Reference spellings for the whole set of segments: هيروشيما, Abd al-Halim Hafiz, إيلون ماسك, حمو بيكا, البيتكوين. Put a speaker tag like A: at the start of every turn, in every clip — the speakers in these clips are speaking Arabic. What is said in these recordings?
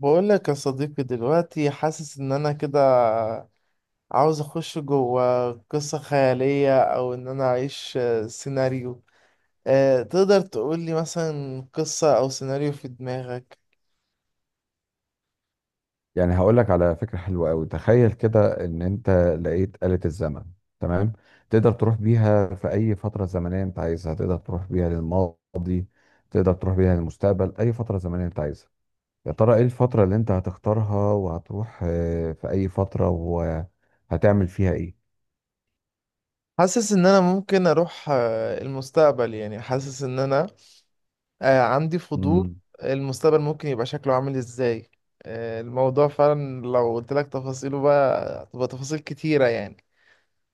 A: بقول لك يا صديقي دلوقتي حاسس ان انا كده عاوز اخش جوه قصة خيالية او ان انا اعيش سيناريو. تقدر تقول لي مثلا قصة او سيناريو في دماغك؟
B: يعني هقول لك على فكرة حلوة قوي. تخيل كده ان انت لقيت آلة الزمن. تمام. تقدر تروح بيها في اي فترة زمنية انت عايزها، تقدر تروح بيها للماضي، تقدر تروح بيها للمستقبل، اي فترة زمنية انت عايزها. يا ترى ايه الفترة اللي انت هتختارها وهتروح في اي فترة وهتعمل فيها ايه؟
A: حاسس ان انا ممكن اروح المستقبل، يعني حاسس ان انا عندي فضول.
B: مم.
A: المستقبل ممكن يبقى شكله عامل ازاي؟ الموضوع فعلا لو قلت لك تفاصيله بقى تبقى تفاصيل كتيرة يعني،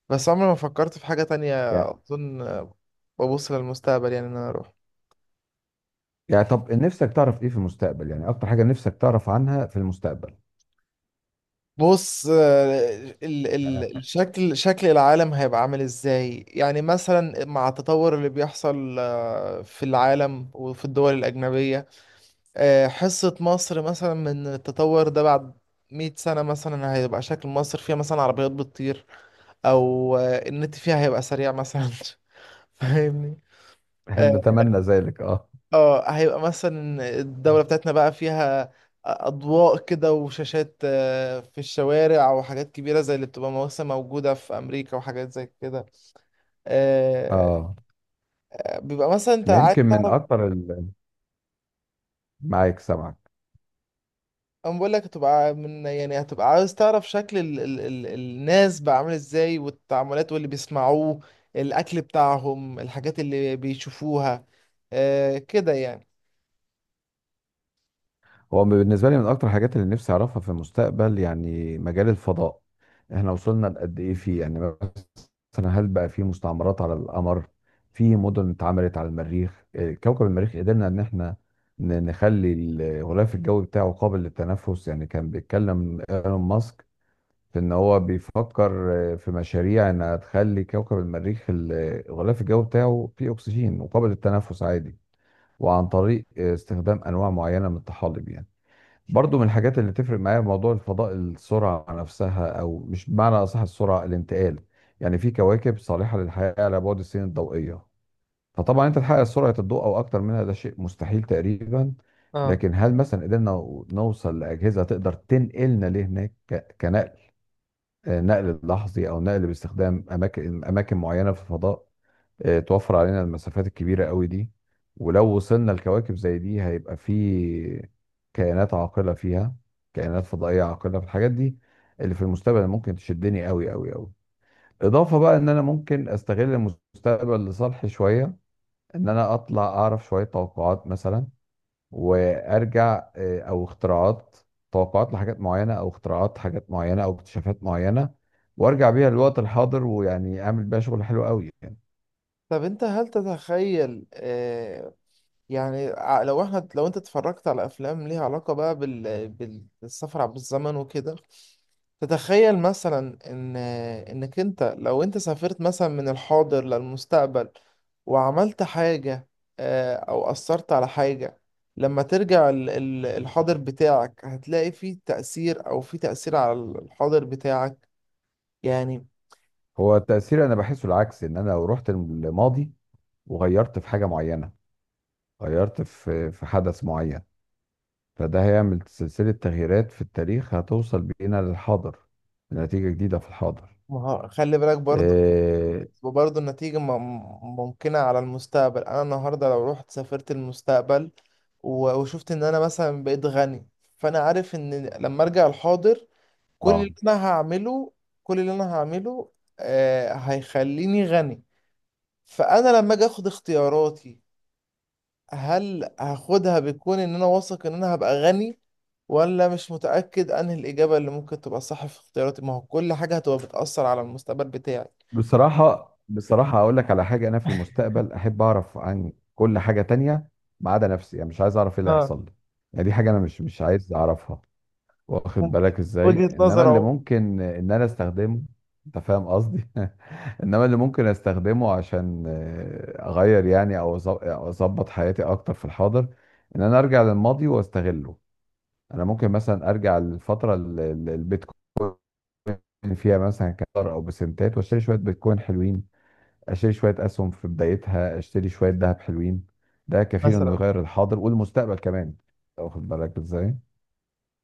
A: بس عمري ما فكرت في حاجة تانية
B: يعني
A: أظن. ببص للمستقبل، يعني إن أنا أروح.
B: يعني طب نفسك تعرف ايه في المستقبل؟ يعني اكتر حاجة نفسك تعرف عنها في المستقبل.
A: بص ال ال الشكل، شكل العالم هيبقى عامل إزاي يعني مثلا مع التطور اللي بيحصل في العالم وفي الدول الأجنبية. حصة مصر مثلا من التطور ده بعد 100 سنة مثلا، هيبقى شكل مصر فيها مثلا عربيات بتطير أو النت فيها هيبقى سريع مثلا فاهمني؟ آه،
B: نتمنى ذلك. اه.
A: اه، هيبقى مثلا الدولة بتاعتنا بقى فيها أضواء كده وشاشات في الشوارع وحاجات كبيرة زي اللي بتبقى مثلا موجودة في أمريكا وحاجات زي كده. آه،
B: اه
A: بيبقى مثلا أنت
B: انا
A: عايز
B: يمكن من
A: تعرف.
B: اكتر معاك، سامعك.
A: أنا بقول لك هتبقى من، يعني هتبقى عايز تعرف شكل ال ال ال الناس بقى عامل إزاي، والتعاملات واللي بيسمعوه، الأكل بتاعهم، الحاجات اللي بيشوفوها، كده يعني.
B: هو بالنسبة لي من أكتر الحاجات اللي نفسي أعرفها في المستقبل يعني مجال الفضاء. إحنا وصلنا لقد إيه فيه؟ يعني مثلا هل بقى في مستعمرات على القمر؟ في مدن اتعملت على المريخ؟ إيه، كوكب المريخ قدرنا إن إحنا نخلي الغلاف الجوي بتاعه قابل للتنفس. يعني كان بيتكلم إيلون ماسك في إن هو بيفكر في مشاريع إنها تخلي كوكب المريخ الغلاف الجوي بتاعه فيه أكسجين وقابل للتنفس عادي، وعن طريق استخدام أنواع معينة من الطحالب. يعني برضو من الحاجات اللي تفرق معايا موضوع الفضاء السرعة نفسها، أو مش بمعنى أصح السرعة الانتقال. يعني في كواكب صالحة للحياة على بعد السنين الضوئية، فطبعا أنت تحقق سرعة الضوء أو أكتر منها ده شيء مستحيل تقريبا.
A: اه.
B: لكن هل مثلا قدرنا نوصل لأجهزة تقدر تنقلنا لهناك، كنقل نقل لحظي أو نقل باستخدام أماكن معينة في الفضاء، توفر علينا المسافات الكبيرة قوي دي. ولو وصلنا لكواكب زي دي هيبقى في كائنات عاقلة فيها، كائنات فضائية عاقلة. في الحاجات دي اللي في المستقبل ممكن تشدني قوي قوي قوي. إضافة بقى إن أنا ممكن أستغل المستقبل لصالحي شوية، إن أنا أطلع أعرف شوية توقعات مثلا، وأرجع أو اختراعات، توقعات لحاجات معينة أو اختراعات حاجات معينة أو اكتشافات معينة، وأرجع بيها للوقت الحاضر ويعني أعمل بيها شغل حلو قوي يعني.
A: طب انت هل تتخيل يعني لو احنا لو انت اتفرجت على افلام ليها علاقة بقى بالسفر عبر الزمن وكده، تتخيل مثلا ان انك انت لو انت سافرت مثلا من الحاضر للمستقبل وعملت حاجة او اثرت على حاجة، لما ترجع الحاضر بتاعك هتلاقي فيه تأثير، او فيه تأثير على الحاضر بتاعك يعني.
B: هو التأثير أنا بحسه العكس، إن أنا لو رحت الماضي وغيرت في حاجة معينة، غيرت في حدث معين، فده هيعمل سلسلة تغييرات في التاريخ هتوصل بينا للحاضر، لنتيجة جديدة في الحاضر.
A: ما هو- خلي بالك برضو،
B: آه.
A: وبرضه النتيجة ممكنة على المستقبل. أنا النهاردة لو رحت سافرت المستقبل وشفت إن أنا مثلا بقيت غني، فأنا عارف إن لما أرجع الحاضر كل
B: آه.
A: اللي أنا هعمله كل اللي أنا هعمله، هيخليني غني. فأنا لما أجي أخد اختياراتي، هل هاخدها بيكون إن أنا واثق إن أنا هبقى غني، ولا مش متأكد أنهي الإجابة اللي ممكن تبقى صح في اختياراتي؟ ما هو كل حاجة هتبقى بتأثر على المستقبل بتاعي.
B: بصراحة بصراحة أقول لك على حاجة، أنا في المستقبل أحب أعرف عن كل حاجة تانية ما عدا نفسي. يعني مش عايز أعرف إيه اللي
A: اه
B: هيحصل لي. يعني دي حاجة أنا مش عايز أعرفها، واخد
A: ممكن.
B: بالك ازاي؟
A: وجهة
B: انما
A: نظر
B: اللي
A: أهو.
B: ممكن ان انا استخدمه، انت فاهم قصدي؟ انما اللي ممكن استخدمه عشان اغير يعني، او أو اظبط حياتي اكتر في الحاضر، ان انا ارجع للماضي واستغله. انا ممكن مثلا ارجع للفتره اللي البيتكوين فيها مثلا كان دولار او بسنتات، واشتري شويه بيتكوين حلوين، اشتري شويه اسهم في بدايتها، اشتري شويه ذهب حلوين. ده كفيل انه
A: مثلا،
B: يغير الحاضر والمستقبل كمان، واخد بالك ازاي؟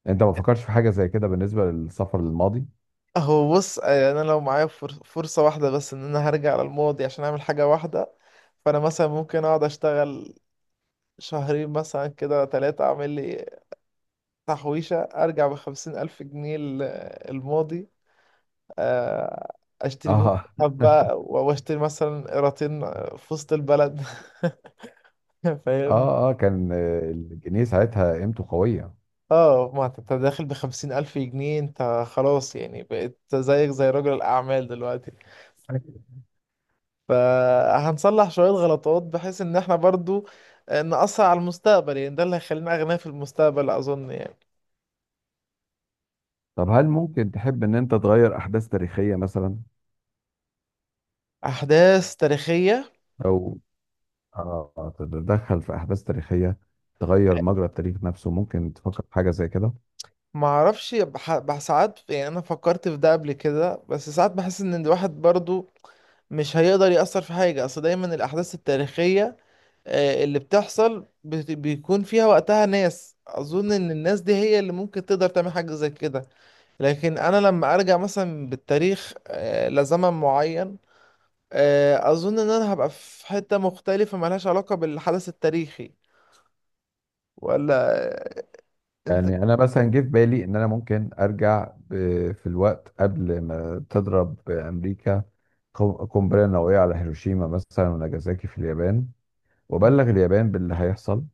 B: انت ما فكرتش في حاجه زي كده بالنسبه للسفر للماضي؟
A: هو بص يعني انا لو معايا فرصة واحدة بس ان انا هرجع على الماضي عشان اعمل حاجة واحدة، فانا مثلا ممكن اقعد اشتغل شهرين مثلا كده، ثلاثة، اعمل لي تحويشة ارجع ب50,000 جنيه الماضي. آه، اشتري بيهم
B: اه.
A: حبة، واشتري مثلا قيراطين في وسط البلد. فاهم؟
B: اه اه كان الجنيه ساعتها قيمته قوية.
A: اه، ما انت داخل ب50,000 جنيه، انت خلاص يعني بقيت زيك زي رجل الاعمال دلوقتي. فهنصلح شوية غلطات بحيث ان احنا برضو نأثر على المستقبل، يعني ده اللي هيخلينا أغنياء في المستقبل أظن يعني.
B: طب هل ممكن تحب ان انت تغير احداث تاريخية مثلا،
A: أحداث تاريخية؟
B: او آه تتدخل في احداث تاريخية، تغير مجرى التاريخ نفسه؟ ممكن تفكر في حاجة زي كده؟
A: معرفش، ساعات يعني أنا فكرت في ده قبل كده، بس ساعات بحس إن الواحد برضو مش هيقدر يأثر في حاجة، أصل دايما الأحداث التاريخية اللي بتحصل بيكون فيها وقتها ناس، أظن إن الناس دي هي اللي ممكن تقدر تعمل حاجة زي كده. لكن أنا لما أرجع مثلا بالتاريخ لزمن معين، اظن ان انا هبقى في حتة مختلفة ملهاش علاقة بالحدث التاريخي ولا انت؟
B: يعني انا مثلا جه في بالي ان انا ممكن ارجع في الوقت قبل ما تضرب امريكا قنبلة نووية على هيروشيما مثلا وناجازاكي في اليابان، وابلغ اليابان باللي هيحصل،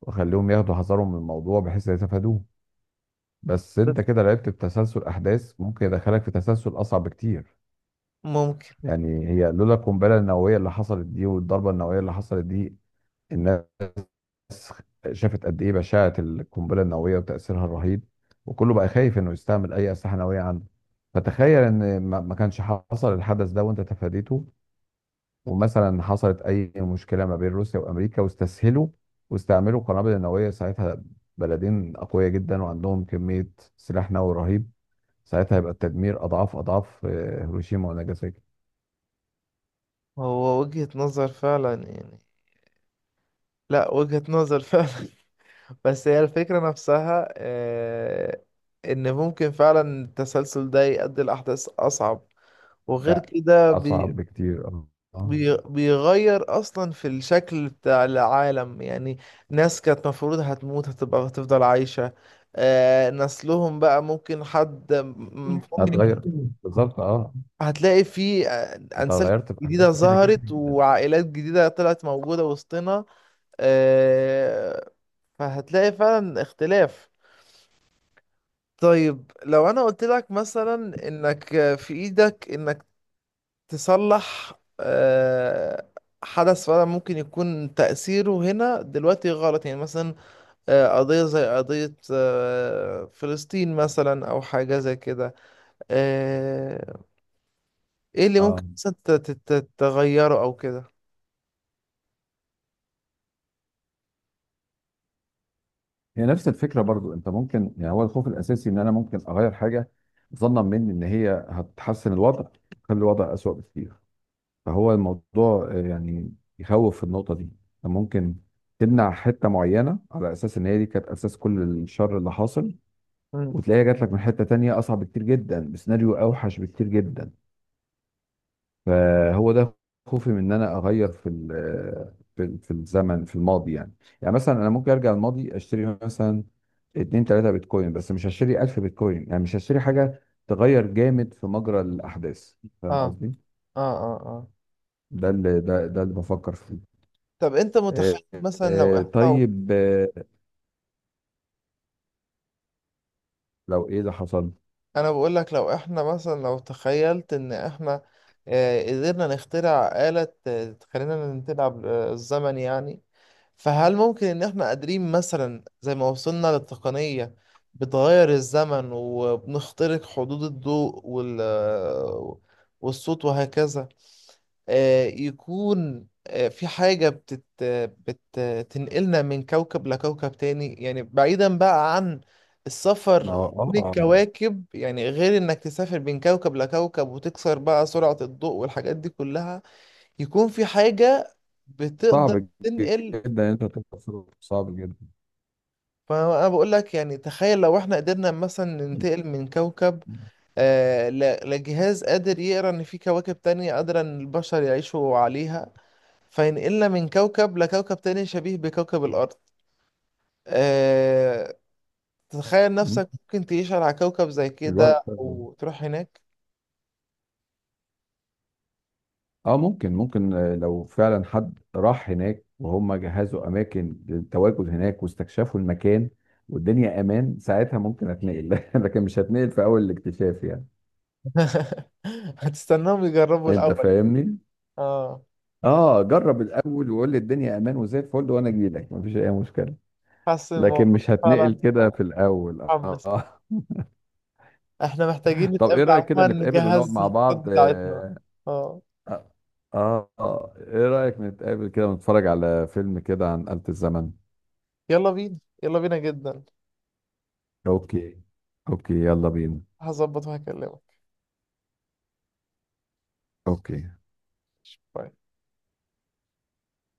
B: واخليهم ياخدوا حذرهم من الموضوع بحيث يتفادوه. بس
A: بس
B: انت كده لعبت بتسلسل احداث ممكن يدخلك في تسلسل اصعب بكتير.
A: ممكن.
B: يعني هي لولا القنبله النوويه اللي حصلت دي والضربه النوويه اللي حصلت دي، الناس شافت قد ايه بشاعه القنبله النوويه وتاثيرها الرهيب، وكله بقى خايف انه يستعمل اي اسلحه نوويه عنده. فتخيل ان ما كانش حصل الحدث ده وانت تفاديته، ومثلا حصلت اي مشكله ما بين روسيا وامريكا، واستسهلوا واستعملوا القنابل النوويه ساعتها. بلدين اقوياء جدا وعندهم كميه سلاح نووي رهيب، ساعتها هيبقى التدمير اضعاف اضعاف هيروشيما وناجازاكي.
A: هو وجهة نظر فعلا يعني. لا، وجهة نظر فعلا بس هي الفكرة نفسها ان ممكن فعلا التسلسل ده يؤدي لأحداث اصعب، وغير
B: لا
A: كده
B: اصعب بكتير اه. آه.
A: بيغير اصلا في الشكل بتاع العالم يعني. ناس كانت مفروض هتموت هتبقى هتفضل عايشة، آه نسلهم بقى ممكن حد ممكن يكون،
B: هتغير بالظبط اه.
A: هتلاقي في
B: انت
A: انسال
B: غيرت في احداث
A: جديدة
B: كتيره
A: ظهرت
B: جدا.
A: وعائلات جديدة طلعت موجودة وسطنا. آه. فهتلاقي فعلا اختلاف. طيب لو انا قلت لك مثلا انك في ايدك انك تصلح آه، حدث فعلا ممكن يكون تأثيره هنا دلوقتي غلط، يعني مثلا قضية زي قضية فلسطين مثلا، أو حاجة زي كده. آه، إيه اللي ممكن
B: اه
A: مثلا تغيره أو كده؟
B: هي نفس الفكره برضو، انت ممكن يعني، هو الخوف الاساسي ان انا ممكن اغير حاجه ظنا مني ان هي هتحسن الوضع، تخلي الوضع اسوأ بكتير. فهو الموضوع يعني يخوف في النقطه دي، أنت ممكن تمنع حته معينه على اساس ان هي دي كانت اساس كل الشر اللي حاصل،
A: مم.
B: وتلاقيها جات لك من حتة تانية أصعب بكتير جدا بسيناريو أوحش بكتير جدا. فهو ده خوفي من إن أنا أغير في ال آه، في ال- في الزمن في الماضي يعني. يعني مثلا أنا ممكن أرجع الماضي أشتري مثلا اتنين تلاتة بيتكوين، بس مش هشتري 1000 بيتكوين، يعني مش هشتري حاجة تغير جامد في مجرى الأحداث، فاهم
A: اه
B: قصدي؟
A: اه اه اه.
B: ده اللي بفكر فيه.
A: طب أنت متخيل
B: آه،
A: مثلا لو إحنا،
B: طيب، لو إيه اللي حصل؟
A: انا بقول لك لو احنا مثلا، لو تخيلت ان احنا قدرنا نخترع آلة تخلينا نلعب الزمن يعني، فهل ممكن ان احنا قادرين مثلا زي ما وصلنا للتقنية بتغير الزمن وبنخترق حدود الضوء وال والصوت وهكذا، يكون في حاجة بتنقلنا من كوكب لكوكب تاني، يعني بعيدا بقى عن
B: اه
A: السفر كل الكواكب يعني غير انك تسافر بين كوكب لكوكب وتكسر بقى سرعة الضوء والحاجات دي كلها، يكون في حاجة بتقدر
B: صعب جدا
A: تنقل.
B: إن أنت تتصرف، صعب
A: فانا بقول لك يعني تخيل لو احنا قدرنا مثلا
B: جدا.
A: ننتقل من كوكب آه لجهاز قادر يقرا ان في كواكب تانية قادرة ان البشر يعيشوا عليها، فينقلنا من كوكب لكوكب تاني شبيه بكوكب الارض. آه، تتخيل نفسك ممكن تعيش على كوكب زي
B: الواحد
A: كده
B: فعلا-
A: او تروح هناك؟
B: اه ممكن ممكن لو فعلا حد راح هناك وهم جهزوا اماكن للتواجد هناك واستكشفوا المكان والدنيا امان، ساعتها ممكن اتنقل. لكن مش هتنقل في اول الاكتشاف يعني.
A: هتستناهم يجربوا
B: انت
A: الأول؟
B: فاهمني.
A: اه،
B: اه جرب الاول وقول لي الدنيا امان وزي الفل وانا اجي لك، مفيش اي مشكله.
A: حاسس إن
B: لكن
A: الموضوع
B: مش هتنقل
A: فعلا
B: كده في الاول
A: محمس.
B: اه.
A: احنا محتاجين
B: طب ايه
A: نتقابل
B: رايك كده
A: عموما
B: نتقابل ونقعد
A: نجهز
B: مع
A: الخطط
B: بعض
A: بتاعتنا.
B: آه.
A: اه
B: اه، آه. آه. ايه رايك نتقابل كده ونتفرج على فيلم كده عن آلة الزمن؟
A: يلا بينا يلا بينا جدا.
B: اوكي. اوكي يلا بينا.
A: هظبط وهكلمك.
B: اوكي
A: باي.